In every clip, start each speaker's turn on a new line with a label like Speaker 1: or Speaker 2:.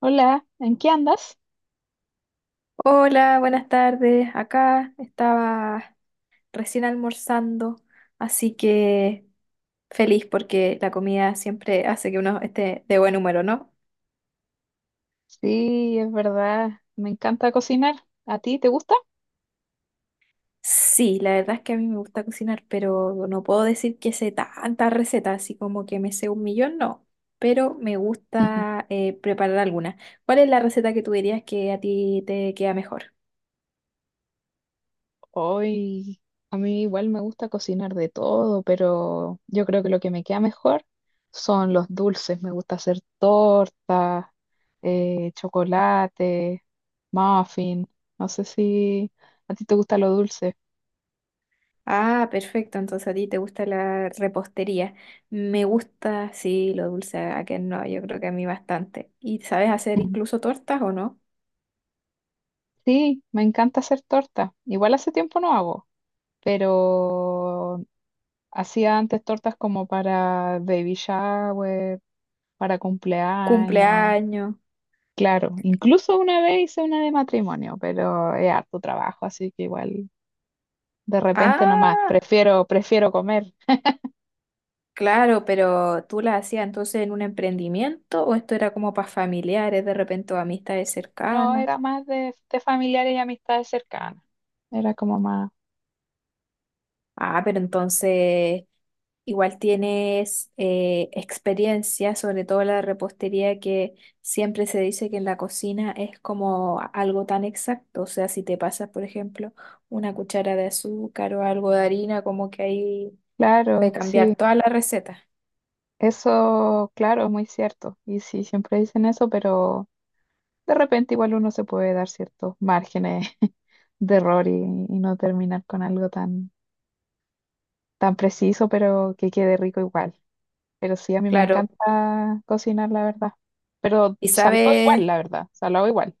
Speaker 1: Hola, ¿en qué andas?
Speaker 2: Hola, buenas tardes. Acá estaba recién almorzando, así que feliz porque la comida siempre hace que uno esté de buen humor, ¿o no?
Speaker 1: Sí, es verdad, me encanta cocinar. ¿A ti te gusta?
Speaker 2: Sí, la verdad es que a mí me gusta cocinar, pero no puedo decir que sé tantas recetas, así como que me sé un millón, no. Pero me
Speaker 1: Ujú.
Speaker 2: gusta preparar alguna. ¿Cuál es la receta que tú dirías que a ti te queda mejor?
Speaker 1: Hoy, a mí igual me gusta cocinar de todo, pero yo creo que lo que me queda mejor son los dulces. Me gusta hacer tortas, chocolate, muffin. No sé si a ti te gusta lo dulce.
Speaker 2: Ah, perfecto. Entonces a ti te gusta la repostería. Me gusta, sí, lo dulce. A que no, yo creo que a mí bastante. ¿Y sabes hacer
Speaker 1: Ujú.
Speaker 2: incluso tortas o no?
Speaker 1: Sí, me encanta hacer torta. Igual hace tiempo no hago, pero hacía antes tortas como para baby shower, para cumpleaños.
Speaker 2: Cumpleaños.
Speaker 1: Claro, incluso una vez hice una de matrimonio, pero es harto trabajo, así que igual de repente nomás
Speaker 2: Ah,
Speaker 1: prefiero comer.
Speaker 2: claro, pero tú las hacías entonces en un emprendimiento o esto era como para familiares, de repente o amistades
Speaker 1: No,
Speaker 2: cercanas.
Speaker 1: era más de familiares y amistades cercanas. Era como más,
Speaker 2: Ah, pero entonces igual tienes experiencia, sobre todo la repostería, que siempre se dice que en la cocina es como algo tan exacto. O sea, si te pasas, por ejemplo, una cuchara de azúcar o algo de harina, como que ahí puede
Speaker 1: claro, sí,
Speaker 2: cambiar toda la receta.
Speaker 1: eso, claro, es muy cierto. Y sí, siempre dicen eso, pero de repente igual uno se puede dar ciertos márgenes de error y no terminar con algo tan, tan preciso, pero que quede rico igual. Pero sí, a mí me
Speaker 2: Claro,
Speaker 1: encanta cocinar, la verdad. Pero
Speaker 2: y
Speaker 1: salado
Speaker 2: sabes.
Speaker 1: igual, la verdad, salado igual.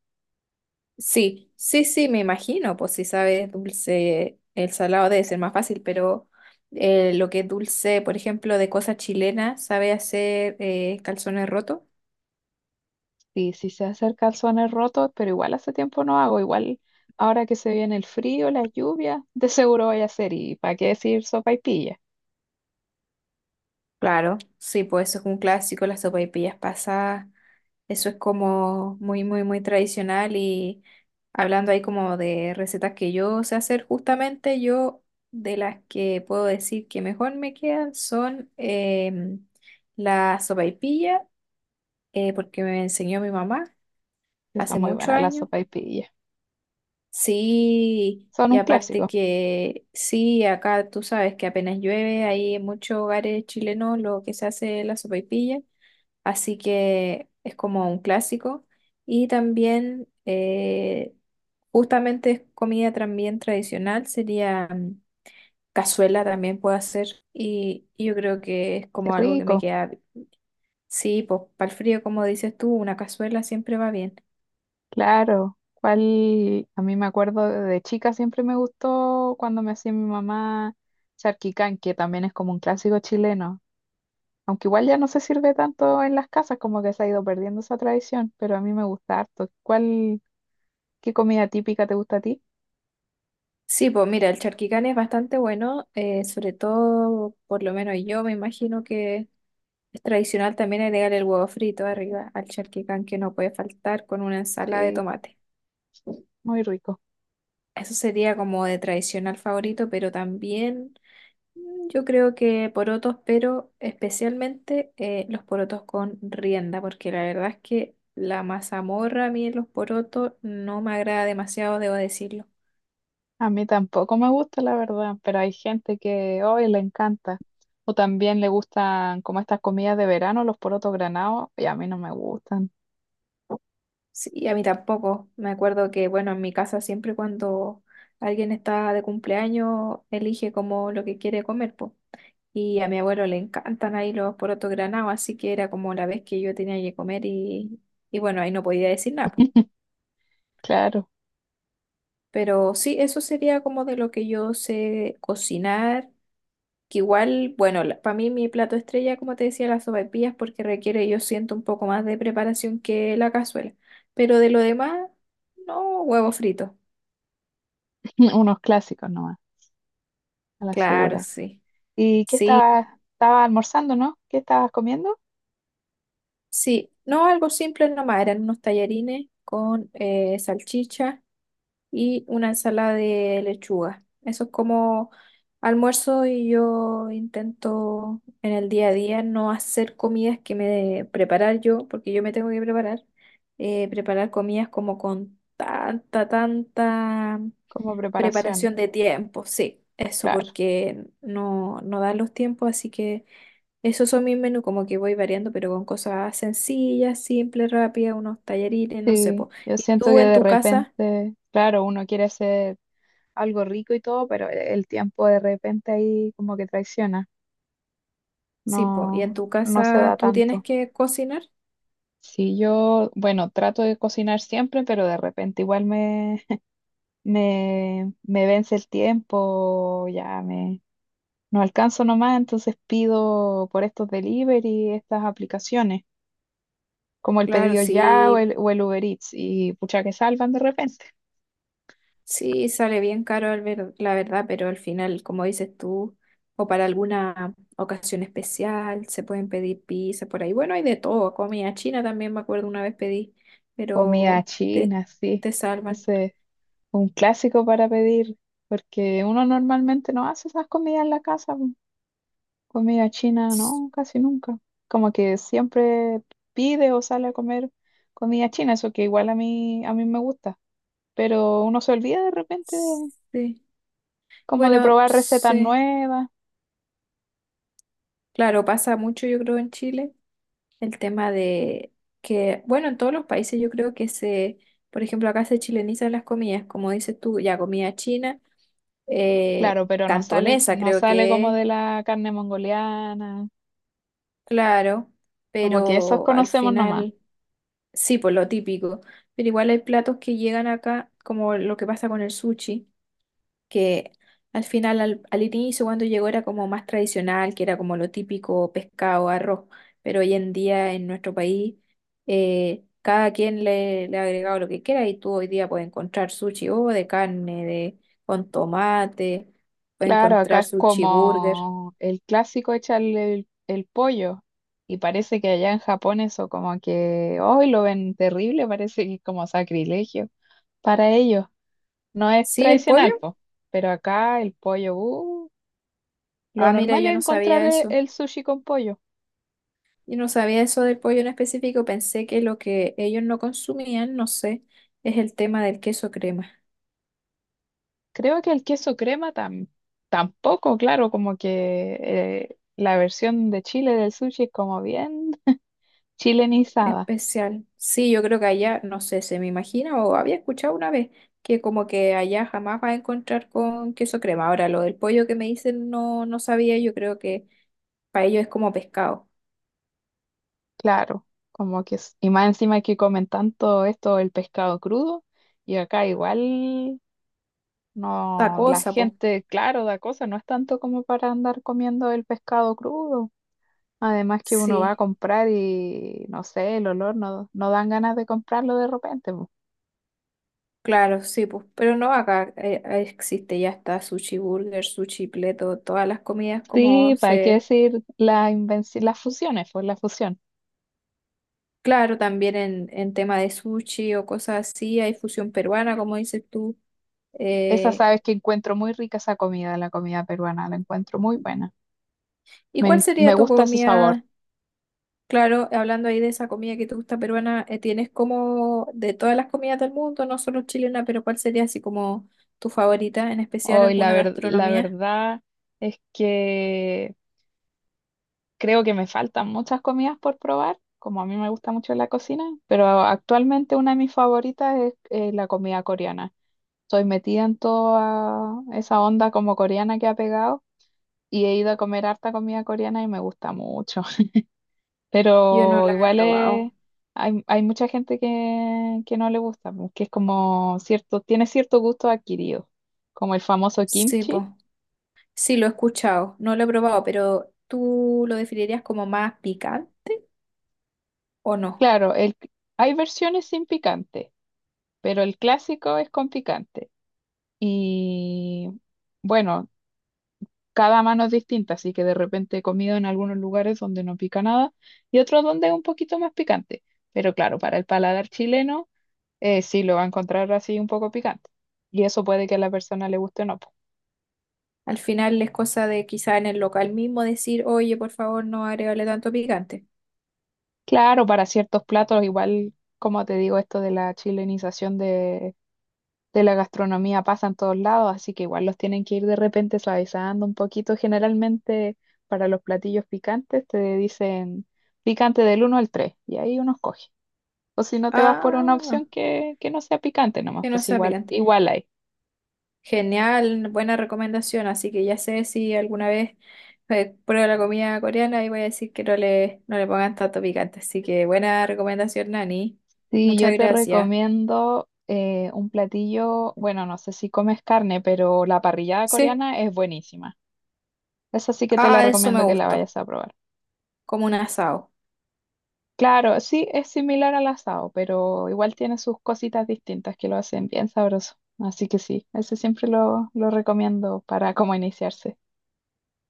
Speaker 2: Sí, sí, sí, me imagino, pues si sabes dulce, el salado debe ser más fácil, pero lo que es dulce, por ejemplo, de cosas chilenas, ¿sabe hacer calzones rotos?
Speaker 1: Sí, sí se hacen calzones rotos, pero igual hace tiempo no hago. Igual ahora que se viene el frío, las lluvias, de seguro voy a hacer. ¿Y para qué decir sopaipilla?
Speaker 2: Claro, sí, pues eso es un clásico, las sopaipillas pasadas, eso es como muy, muy, muy tradicional y hablando ahí como de recetas que yo sé hacer, justamente yo de las que puedo decir que mejor me quedan son la sopaipilla porque me enseñó mi mamá
Speaker 1: Está
Speaker 2: hace
Speaker 1: muy
Speaker 2: muchos
Speaker 1: buena la
Speaker 2: años.
Speaker 1: sopaipilla.
Speaker 2: Sí,
Speaker 1: Son
Speaker 2: y
Speaker 1: un
Speaker 2: aparte
Speaker 1: clásico.
Speaker 2: que sí, acá tú sabes que apenas llueve, hay en muchos hogares chilenos lo que se hace es la sopaipilla, así que es como un clásico. Y también, justamente es comida también tradicional, sería cazuela también puedo hacer, y yo creo que es
Speaker 1: Qué
Speaker 2: como algo que me
Speaker 1: rico.
Speaker 2: queda, sí, pues para el frío, como dices tú, una cazuela siempre va bien.
Speaker 1: Claro, cuál, a mí me acuerdo de chica siempre me gustó cuando me hacía mi mamá charquicán, que también es como un clásico chileno, aunque igual ya no se sirve tanto en las casas, como que se ha ido perdiendo esa tradición, pero a mí me gusta harto. ¿Cuál, qué comida típica te gusta a ti?
Speaker 2: Sí, pues mira, el charquicán es bastante bueno, sobre todo, por lo menos yo me imagino que es tradicional también agregar el huevo frito arriba al charquicán que no puede faltar con una ensalada de
Speaker 1: Sí,
Speaker 2: tomate.
Speaker 1: muy rico.
Speaker 2: Eso sería como de tradicional favorito, pero también yo creo que porotos, pero especialmente los porotos con rienda, porque la verdad es que la mazamorra a mí en los porotos no me agrada demasiado, debo decirlo.
Speaker 1: A mí tampoco me gusta, la verdad, pero hay gente que hoy le encanta. O también le gustan como estas comidas de verano, los porotos granados, y a mí no me gustan.
Speaker 2: Sí, a mí tampoco. Me acuerdo que, bueno, en mi casa siempre cuando alguien está de cumpleaños, elige como lo que quiere comer, po. Y a mi abuelo le encantan ahí los porotos granados, así que era como la vez que yo tenía que comer y bueno, ahí no podía decir nada, po.
Speaker 1: Claro,
Speaker 2: Pero sí, eso sería como de lo que yo sé cocinar, que igual, bueno, para mí mi plato estrella, como te decía, las sopaipillas, porque requiere, yo siento, un poco más de preparación que la cazuela. Pero de lo demás, no, huevo frito.
Speaker 1: unos clásicos nomás. A la
Speaker 2: Claro,
Speaker 1: segura.
Speaker 2: sí.
Speaker 1: ¿Y qué
Speaker 2: Sí,
Speaker 1: estabas, estabas almorzando, no? ¿Qué estabas comiendo?
Speaker 2: sí. No, algo simple nomás. Eran unos tallarines con salchicha y una ensalada de lechuga. Eso es como almuerzo y yo intento en el día a día no hacer comidas que preparar yo, porque yo me tengo que preparar. Preparar comidas como con tanta
Speaker 1: Como preparación,
Speaker 2: preparación de tiempo. Sí, eso
Speaker 1: claro.
Speaker 2: porque no, no dan los tiempos, así que... Esos son mis menús, como que voy variando, pero con cosas sencillas, simples, rápidas, unos tallarines, no sé,
Speaker 1: Sí,
Speaker 2: po.
Speaker 1: yo
Speaker 2: ¿Y
Speaker 1: siento que
Speaker 2: tú en
Speaker 1: de
Speaker 2: tu casa?
Speaker 1: repente, claro, uno quiere hacer algo rico y todo, pero el tiempo de repente ahí como que traiciona.
Speaker 2: Sí, po. ¿Y en
Speaker 1: No,
Speaker 2: tu
Speaker 1: no se da
Speaker 2: casa tú tienes
Speaker 1: tanto.
Speaker 2: que cocinar?
Speaker 1: Sí, yo, bueno, trato de cocinar siempre, pero de repente igual me, me vence el tiempo, ya me, no alcanzo nomás, entonces pido por estos delivery, estas aplicaciones, como el
Speaker 2: Claro,
Speaker 1: pedido ya o
Speaker 2: sí,
Speaker 1: el Uber Eats, y pucha que salvan de repente.
Speaker 2: sí, sale bien caro la verdad, pero al final, como dices tú, o para alguna ocasión especial, se pueden pedir pizza por ahí. Bueno, hay de todo, comida china también, me acuerdo una vez pedí,
Speaker 1: Comida
Speaker 2: pero te,
Speaker 1: china, sí.
Speaker 2: te salvan.
Speaker 1: Ese un clásico para pedir, porque uno normalmente no hace esas comidas en la casa, po. Comida china, no, casi nunca. Como que siempre pide o sale a comer comida china, eso que igual a mí me gusta, pero uno se olvida de repente de-
Speaker 2: Sí.
Speaker 1: como de
Speaker 2: Bueno,
Speaker 1: probar recetas
Speaker 2: sí.
Speaker 1: nuevas.
Speaker 2: Claro, pasa mucho, yo creo, en Chile, el tema de que, bueno, en todos los países yo creo que se, por ejemplo, acá se chilenizan las comidas, como dices tú, ya comida china, eh,
Speaker 1: Claro, pero no sale,
Speaker 2: cantonesa
Speaker 1: no
Speaker 2: creo
Speaker 1: sale
Speaker 2: que
Speaker 1: como
Speaker 2: es,
Speaker 1: de la carne mongoliana.
Speaker 2: claro,
Speaker 1: Como que esos
Speaker 2: pero al
Speaker 1: conocemos nomás.
Speaker 2: final, sí, por lo típico, pero igual hay platos que llegan acá, como lo que pasa con el sushi que al final, al inicio cuando llegó era como más tradicional, que era como lo típico pescado, arroz, pero hoy en día en nuestro país cada quien le ha agregado lo que quiera y tú hoy día puedes encontrar sushi o de carne, de, con tomate, puedes
Speaker 1: Claro, acá
Speaker 2: encontrar
Speaker 1: es
Speaker 2: sushi burger.
Speaker 1: como el clásico echarle el pollo. Y parece que allá en Japón eso como que hoy lo ven terrible, parece que es como sacrilegio para ellos. No es
Speaker 2: ¿Sí, el
Speaker 1: tradicional,
Speaker 2: pollo?
Speaker 1: po. Pero acá el pollo, lo
Speaker 2: Ah, mira,
Speaker 1: normal
Speaker 2: yo
Speaker 1: es
Speaker 2: no
Speaker 1: encontrar
Speaker 2: sabía eso.
Speaker 1: sushi con pollo.
Speaker 2: Yo no sabía eso del pollo en específico, pensé que lo que ellos no consumían, no sé, es el tema del queso crema.
Speaker 1: Creo que el queso crema tampoco, claro, como que la versión de Chile del sushi es como bien chilenizada.
Speaker 2: Especial. Sí, yo creo que allá, no sé, se me imagina o había escuchado una vez que como que allá jamás vas a encontrar con queso crema. Ahora, lo del pollo que me dicen no, no sabía, yo creo que para ellos es como pescado.
Speaker 1: Claro, como que, es- y más encima que comen tanto esto, el pescado crudo, y acá igual
Speaker 2: Otra
Speaker 1: no, la
Speaker 2: cosa, pues.
Speaker 1: gente, claro, da cosa, no es tanto como para andar comiendo el pescado crudo. Además que uno va a
Speaker 2: Sí,
Speaker 1: comprar y no sé, el olor no, no dan ganas de comprarlo de repente, po.
Speaker 2: claro, sí, pues. Pero no acá existe, ya está sushi burger, sushi pleto, todas las comidas como
Speaker 1: Sí, para qué
Speaker 2: se...
Speaker 1: decir la invenci- las fusiones, pues la fusión.
Speaker 2: Claro, también en tema de sushi o cosas así, hay fusión peruana, como dices tú.
Speaker 1: Esa
Speaker 2: Eh,
Speaker 1: sabes que encuentro muy rica esa comida, la comida peruana, la encuentro muy buena.
Speaker 2: ¿Y
Speaker 1: Me,
Speaker 2: cuál
Speaker 1: en- me
Speaker 2: sería tu
Speaker 1: gusta ese sabor.
Speaker 2: comida? Claro, hablando ahí de esa comida que te gusta peruana, ¿tienes como de todas las comidas del mundo, no solo chilena, pero cuál sería así como tu favorita, en especial
Speaker 1: Hoy la
Speaker 2: alguna
Speaker 1: ver- la
Speaker 2: gastronomía?
Speaker 1: verdad es que creo que me faltan muchas comidas por probar, como a mí me gusta mucho la cocina, pero actualmente una de mis favoritas es la comida coreana. Estoy metida en toda esa onda como coreana que ha pegado y he ido a comer harta comida coreana y me gusta mucho.
Speaker 2: Yo no
Speaker 1: Pero
Speaker 2: la he
Speaker 1: igual
Speaker 2: probado.
Speaker 1: es- hay mucha gente que no le gusta, pues, que es como cierto, tiene cierto gusto adquirido, como el famoso
Speaker 2: Sí,
Speaker 1: kimchi.
Speaker 2: pues, sí, lo he escuchado, no lo he probado, pero ¿tú lo definirías como más picante o no?
Speaker 1: Claro, el, hay versiones sin picante, pero el clásico es con picante. Y bueno, cada mano es distinta, así que de repente he comido en algunos lugares donde no pica nada y otros donde es un poquito más picante. Pero claro, para el paladar chileno sí lo va a encontrar así un poco picante. Y eso puede que a la persona le guste o no, po.
Speaker 2: Al final es cosa de quizá en el local mismo decir, oye, por favor, no agregarle tanto picante.
Speaker 1: Claro, para ciertos platos, igual como te digo, esto de la chilenización de la gastronomía pasa en todos lados, así que igual los tienen que ir de repente suavizando un poquito. Generalmente para los platillos picantes te dicen picante del uno al 3 y ahí uno escoge. O si no te vas por una
Speaker 2: Ah,
Speaker 1: opción que no sea picante nomás,
Speaker 2: que no
Speaker 1: pues
Speaker 2: sea
Speaker 1: igual,
Speaker 2: picante.
Speaker 1: igual hay.
Speaker 2: Genial, buena recomendación. Así que ya sé si alguna vez pruebo la comida coreana y voy a decir que no le pongan tanto picante. Así que buena recomendación, Nani.
Speaker 1: Sí,
Speaker 2: Muchas
Speaker 1: yo te
Speaker 2: gracias.
Speaker 1: recomiendo un platillo, bueno, no sé si comes carne, pero la parrillada
Speaker 2: Sí,
Speaker 1: coreana es buenísima. Esa sí que te la
Speaker 2: ah, eso me
Speaker 1: recomiendo que la
Speaker 2: gustó.
Speaker 1: vayas a probar.
Speaker 2: Como un asado.
Speaker 1: Claro, sí, es similar al asado, pero igual tiene sus cositas distintas que lo hacen bien sabroso. Así que sí, ese siempre lo recomiendo para como iniciarse.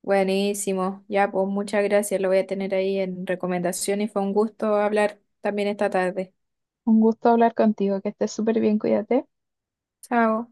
Speaker 2: Buenísimo. Ya, pues muchas gracias. Lo voy a tener ahí en recomendación y fue un gusto hablar también esta tarde.
Speaker 1: Un gusto hablar contigo, que estés súper bien, cuídate.
Speaker 2: Chao.